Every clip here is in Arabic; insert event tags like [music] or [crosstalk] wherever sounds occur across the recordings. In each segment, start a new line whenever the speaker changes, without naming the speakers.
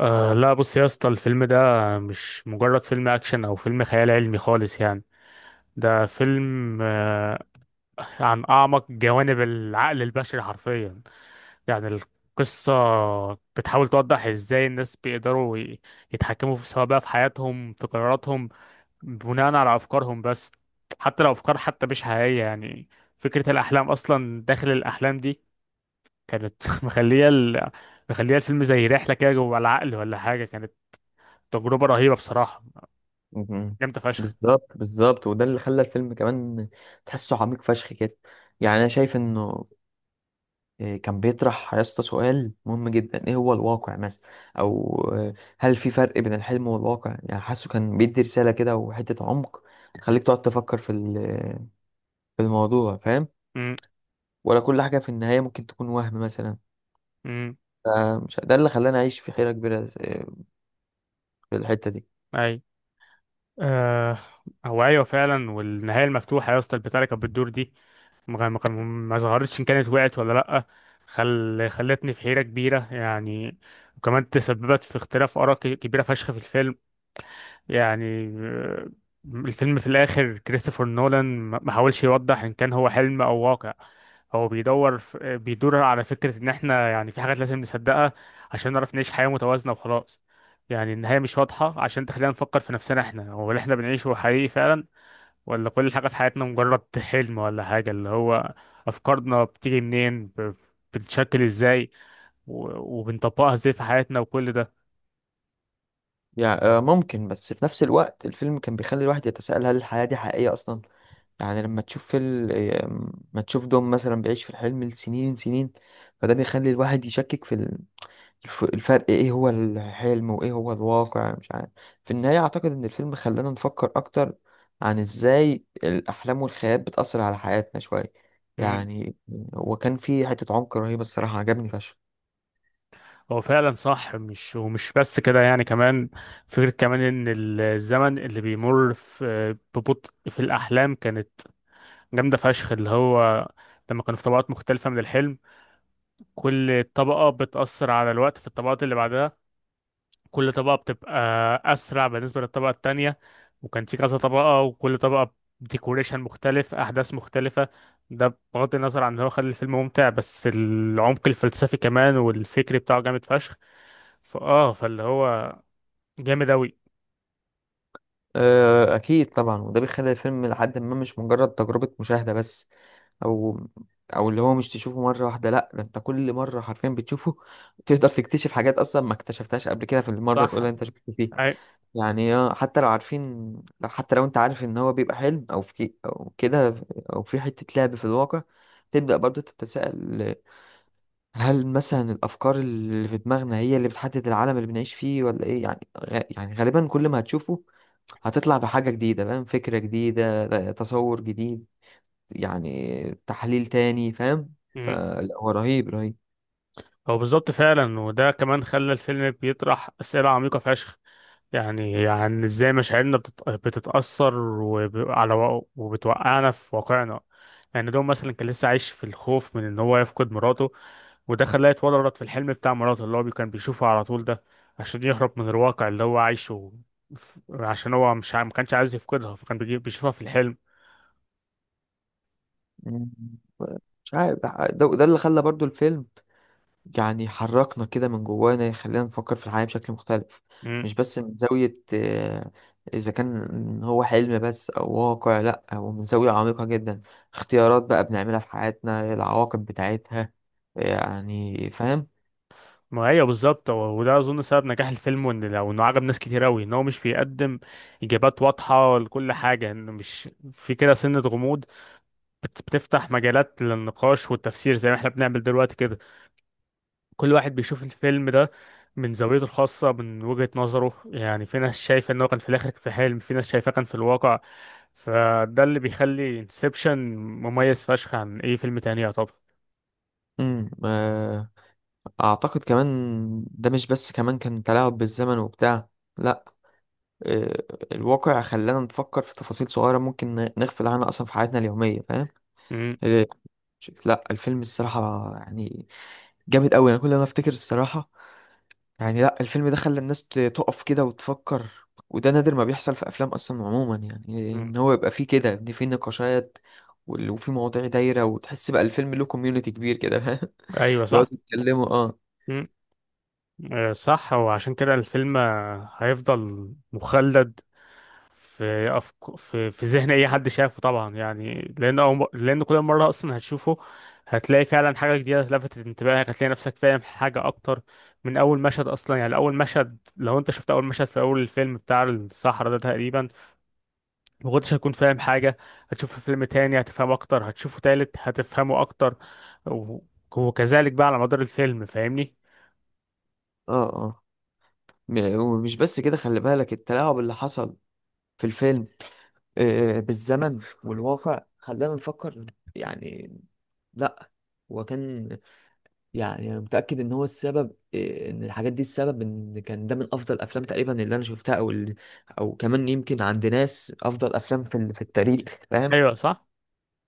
أه، لا، بص يا اسطى، الفيلم ده مش مجرد فيلم اكشن او فيلم خيال علمي خالص، يعني ده فيلم عن اعمق جوانب العقل البشري حرفيا. يعني القصة بتحاول توضح ازاي الناس بيقدروا يتحكموا في، سواء بقى في حياتهم، في قراراتهم، بناء على افكارهم بس، حتى لو افكار حتى مش حقيقية. يعني فكرة الاحلام اصلا داخل الاحلام دي كانت [laughs] مخلية الفيلم زي رحلة كده جوه العقل ولا حاجة. كانت تجربة رهيبة بصراحة،
مم.
جامدة فشخ.
بالظبط بالظبط، وده اللي خلى الفيلم كمان تحسه عميق فشخ كده. يعني انا شايف انه كان بيطرح يا اسطى سؤال مهم جدا، ايه هو الواقع مثلا؟ او هل في فرق بين الحلم والواقع؟ يعني حاسه كان بيدي رسالة كده وحتة عمق تخليك تقعد تفكر في في الموضوع، فاهم؟
امم.
ولا كل حاجة في النهاية ممكن تكون وهم مثلا.
امم.
فمش ده اللي خلاني اعيش في حيرة كبيرة في الحتة دي.
اي. آه. هو ايوه فعلا، والنهاية المفتوحة يا اسطى، البتاع اللي كانت بتدور دي، ما ما كان- ما ظهرتش ان كانت وقعت ولا لأ، خلتني في حيرة كبيرة. يعني وكمان تسببت في اختلاف آراء كبيرة فشخ في الفيلم. يعني، الفيلم في الآخر، كريستوفر نولان ما حاولش يوضح إن كان هو حلم أو واقع. هو بيدور بيدور على فكرة إن إحنا، يعني، في حاجات لازم نصدقها عشان نعرف نعيش حياة متوازنة وخلاص. يعني النهاية مش واضحة عشان تخلينا نفكر في نفسنا، إحنا هو اللي إحنا بنعيشه حقيقي فعلا، ولا كل حاجة في حياتنا مجرد حلم ولا حاجة. اللي هو أفكارنا بتيجي منين، بتتشكل إزاي، وبنطبقها إزاي في حياتنا، وكل
يعني ممكن، بس في نفس الوقت الفيلم كان بيخلي الواحد يتساءل هل الحياة دي حقيقية أصلا؟ يعني لما تشوف فيلم، ما تشوف دوم مثلا بيعيش في الحلم لسنين سنين، فده بيخلي الواحد يشكك في الفرق، ايه هو الحلم وايه هو الواقع، مش عارف. في النهاية اعتقد ان الفيلم خلانا نفكر اكتر عن ازاي الاحلام والخيال بتأثر على حياتنا شوية.
ده.
يعني هو كان فيه حتة عمق رهيبة الصراحة، عجبني فشخ.
هو فعلا صح، مش ومش بس كده، يعني كمان فكرة كمان ان الزمن اللي بيمر في ببطء في الاحلام كانت جامدة فشخ. اللي هو لما كانوا في طبقات مختلفة من الحلم، كل طبقة بتأثر على الوقت في الطبقات اللي بعدها. كل طبقة بتبقى أسرع بالنسبة للطبقة التانية. وكان في كذا طبقة، وكل طبقة ديكوريشن مختلف، أحداث مختلفة. ده بغض النظر عن إن هو خلى الفيلم ممتع، بس العمق الفلسفي كمان والفكري بتاعه جامد فشخ. فاللي هو جامد اوي.
أكيد طبعا، وده بيخلي الفيلم لحد ما مش مجرد تجربة مشاهدة بس. او او اللي هو مش تشوفه مره واحده، لا ده انت كل مره حرفيا بتشوفه [laughs] تقدر تكتشف حاجات اصلا ما اكتشفتهاش قبل كده في المره
صح.
الاولى اللي انت شفته فيه.
أي...
يعني حتى لو عارفين، لو حتى لو انت عارف ان هو بيبقى حلم او في او كده، او في حته لعب في الواقع، تبدا برضو تتساءل هل مثلا الافكار اللي في دماغنا هي اللي بتحدد العالم اللي بنعيش فيه ولا ايه؟ يعني يعني غالبا كل ما هتشوفه هتطلع بحاجه جديده، فاهم؟ فكره جديده، تصور جديد، يعني تحليل تاني، فاهم؟
مم.
فلا هو رهيب رهيب.
هو بالظبط فعلا، وده كمان خلى الفيلم بيطرح أسئلة عميقة فشخ. يعني ازاي مشاعرنا بتتأثر على وبتوقعنا في واقعنا. يعني دوم مثلا كان لسه عايش في الخوف من ان هو يفقد مراته، وده خلاه يتورط في الحلم بتاع مراته اللي هو كان بيشوفه على طول ده، عشان يهرب من الواقع اللي هو عايشه. عشان هو مش ما كانش عايز يفقدها، فكان بيشوفها في الحلم.
مم. مش عارف، ده اللي خلى برضو الفيلم يعني حركنا كده من جوانا، يخلينا نفكر في الحياة بشكل مختلف.
مم.
مش بس من زاوية إذا كان هو حلم بس أو واقع، لأ هو من زاوية عميقة جدا، اختيارات بقى بنعملها في حياتنا، العواقب بتاعتها، يعني فاهم؟
ما هي بالظبط، وده اظن سبب نجاح الفيلم، وان لو انه عجب ناس كتير قوي، ان هو مش بيقدم اجابات واضحه لكل حاجه، انه مش في كده سنه غموض، بتفتح مجالات للنقاش والتفسير، زي ما احنا بنعمل دلوقتي كده. كل واحد بيشوف الفيلم ده من زاويته الخاصه، من وجهه نظره. يعني في ناس شايفه انه كان في الاخر في حلم، في ناس شايفاه كان في الواقع. فده اللي بيخلي انسبشن مميز فشخ عن اي فيلم تاني، يعتبر.
مم. أعتقد كمان ده مش بس كمان كان تلاعب بالزمن وبتاع، لأ، آه، الواقع خلانا نفكر في تفاصيل صغيرة ممكن نغفل عنها أصلا في حياتنا اليومية، فاهم؟
مم.
آه، شوف، لا الفيلم الصراحة يعني جامد أوي، أنا كل ما أفتكر الصراحة. يعني لا الفيلم ده خلى الناس تقف كده وتفكر، وده نادر ما بيحصل في أفلام أصلا عموما، يعني
مم.
إن هو يبقى فيه كده، إن فيه نقاشات وفي مواضيع دايرة، وتحس بقى الفيلم له كوميونيتي كبير كده، فاهم؟
ايوه
[laughs]
صح.
بيقعدوا يتكلموا. اه
آه، صح. وعشان كده الفيلم هيفضل مخلد في في ذهن اي حد شافه طبعا. يعني لان لان كل مره اصلا هتشوفه هتلاقي فعلا حاجه جديده لفتت انتباهك، هتلاقي نفسك فاهم حاجه اكتر. من اول مشهد اصلا، يعني اول مشهد، لو انت شفت اول مشهد في اول الفيلم بتاع الصحراء ده تقريبا، ما كنتش هتكون فاهم حاجه. هتشوف في فيلم تاني هتفهم اكتر، هتشوفه تالت هتفهمه اكتر، و... وكذلك بقى على مدار الفيلم، فاهمني.
اه اه. ومش بس كده، خلي بالك التلاعب اللي حصل في الفيلم بالزمن والواقع خلانا نفكر، يعني. لا هو كان، يعني انا متاكد ان هو السبب، ان الحاجات دي السبب ان كان ده من افضل افلام تقريبا اللي انا شفتها، او كمان يمكن عند ناس افضل افلام في في التاريخ، فاهم؟
ايوه صح.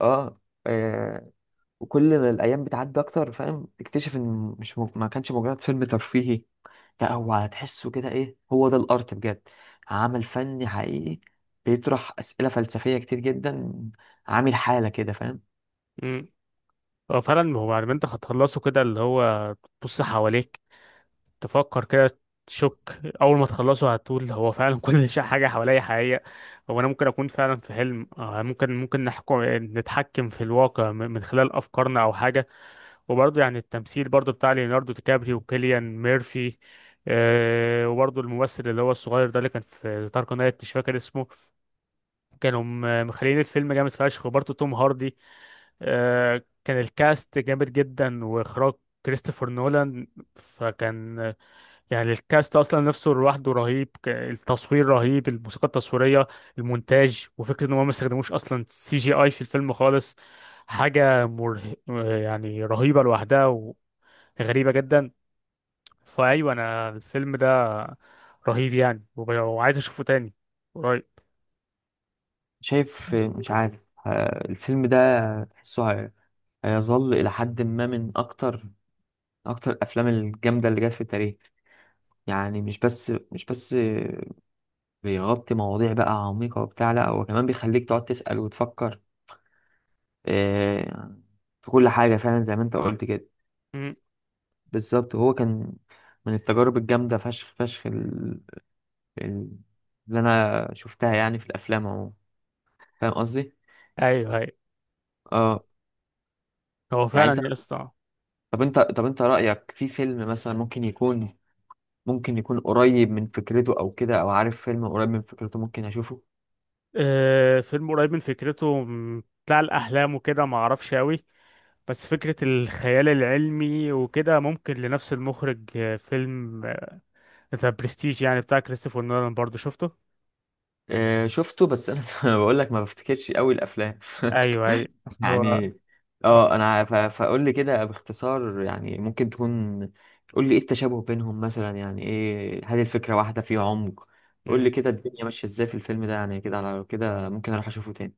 اه. آه، وكل ما الايام بتعدي اكتر فاهم، تكتشف ان مش ما كانش مجرد فيلم ترفيهي، لا هو هتحسه كده ايه هو ده الارت بجد، عمل فني حقيقي بيطرح اسئله فلسفيه كتير جدا، عامل حاله كده، فاهم؟
هو فعلا، هو بعد ما انت هتخلصه كده، اللي هو تبص حواليك، تفكر كده، تشك، اول ما تخلصه هتقول هو فعلا كل [laughs] شيء، حاجه حواليا حقيقيه. هو انا ممكن اكون فعلا في حلم؟ آه، ممكن نتحكم في الواقع من خلال افكارنا او حاجه. وبرضه يعني التمثيل برضه بتاع ليوناردو دي كابريو وكيليان ميرفي. أه وبرضه الممثل اللي هو الصغير ده اللي كان في دارك نايت، مش فاكر اسمه، كانوا مخليين الفيلم جامد فشخ. وبرضه توم هاردي. آه، كان الكاست جامد جدا، واخراج كريستوفر نولان. فكان، يعني، الكاست اصلا نفسه لوحده رهيب. التصوير رهيب، الموسيقى التصويريه، المونتاج، وفكره ان هم ما استخدموش اصلا سي جي اي في الفيلم خالص. حاجه مره، يعني رهيبه لوحدها، وغريبه جدا. فايوه انا الفيلم ده رهيب يعني، وعايز اشوفه تاني قريب.
شايف مش عارف. الفيلم ده تحسه هيظل الى حد ما من اكتر اكتر الافلام الجامده اللي جت في التاريخ. يعني مش بس بيغطي مواضيع بقى عميقه وبتاع، لا هو كمان بيخليك تقعد تسال وتفكر آه، في كل حاجة فعلا، زي ما انت قلت كده.
مم.
بالظبط، هو كان من التجارب الجامدة فشخ فشخ ال- اللي انا شفتها يعني في الافلام اهو، فاهم قصدي؟
ايوه ايوه.
اه.
هو
يعني انت،
فعلا يا اسطى.
طب انت رأيك في فيلم مثلا ممكن يكون، ممكن يكون قريب من فكرته او كده، او عارف فيلم قريب من فكرته ممكن اشوفه؟
آه، فيلم قريب من فكرته، بتاع الأحلام وكده، ما أعرفش أوي. بس فكرة الخيال العلمي وكده ممكن، لنفس المخرج، آه، فيلم ذا برستيج، يعني بتاع كريستوفر نولان، برضه شفته.
شفته، بس انا [laughs] بقول لك ما بفتكرش قوي الافلام. [laughs]
أيوه أيوه. [laughs] هو
يعني
آه.
اه انا فاقول لي كده باختصار يعني ممكن تكون، قول لي ايه التشابه بينهم مثلا، يعني ايه؟ هل الفكره واحده؟ فيه عمق؟ قول لي
مم.
كده الدنيا ماشيه ازاي في الفيلم ده، يعني كده على كده ممكن اروح اشوفه تاني.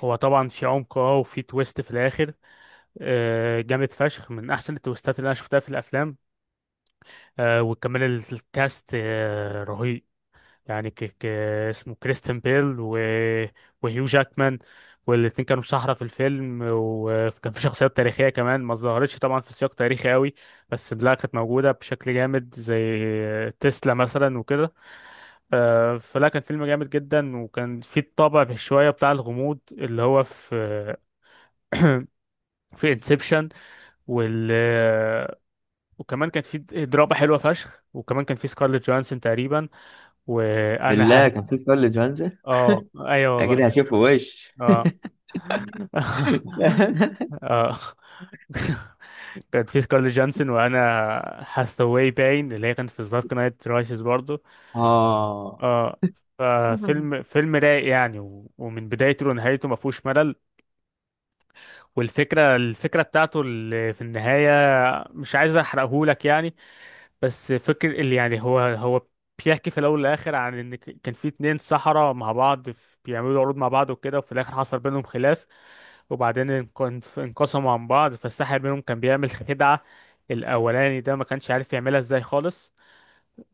هو طبعا في عمق، اه، وفي تويست في الآخر آه، جامد فشخ، من أحسن التويستات اللي أنا شفتها في الأفلام. آه، وكمان الكاست آه، رهيب. يعني اسمه كريستن بيل وهيو جاكمان. والاتنين كانوا سحرة في الفيلم. وكان في شخصيات تاريخية كمان ما ظهرتش طبعا في سياق تاريخي قوي، بس لا كانت موجودة بشكل جامد، زي تسلا مثلا وكده. آه، فلا كان فيلم جامد جدا، وكان في الطابع شوية بتاع الغموض اللي هو في انسبشن. وال وكمان كانت في دراما حلوة فشخ، وكمان كان في سكارليت جوانسون تقريبا. وانا
بالله
ه...
كان في سؤال لجوانزا؟
اه ايوه
اكيد
والله.
هشوفه وش.
اه [laughs] اه [laughs] كانت في سكارليت جانسون، وانا هاثاواي باين، اللي هي كانت في دارك نايت رايسز برضو.
[laughs] اه
اه. ففيلم رايق يعني، ومن بدايته لنهايته ما فيهوش ملل. والفكره بتاعته اللي في النهايه، مش عايز احرقهولك يعني، بس فكر اللي يعني هو بيحكي في الاول والاخر عن ان كان في اتنين سحرة مع بعض، بيعملوا عروض مع بعض وكده، وفي الاخر حصل بينهم خلاف. وبعدين انقسموا عن بعض. فالساحر منهم كان بيعمل خدعة، الاولاني ده، ما كانش عارف يعملها ازاي خالص،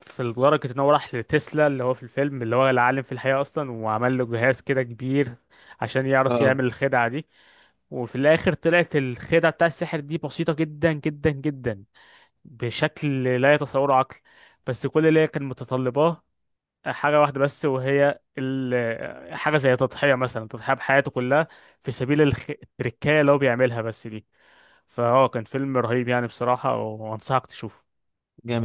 في لدرجة ان هو راح لتسلا، اللي هو في الفيلم اللي هو العالم في الحقيقة اصلا، وعمل له جهاز كده كبير عشان يعرف
اه
يعمل الخدعة دي. وفي الاخر طلعت الخدعة بتاع السحر دي بسيطة جدا جدا جدا، بشكل لا يتصوره عقل. بس كل اللي هي كان متطلباه حاجة واحدة بس، وهي حاجة زي تضحية مثلا، تضحية بحياته كلها في سبيل التركاية اللي هو بيعملها بس دي. فهو كان فيلم رهيب يعني بصراحة، وأنصحك تشوفه.
جامد.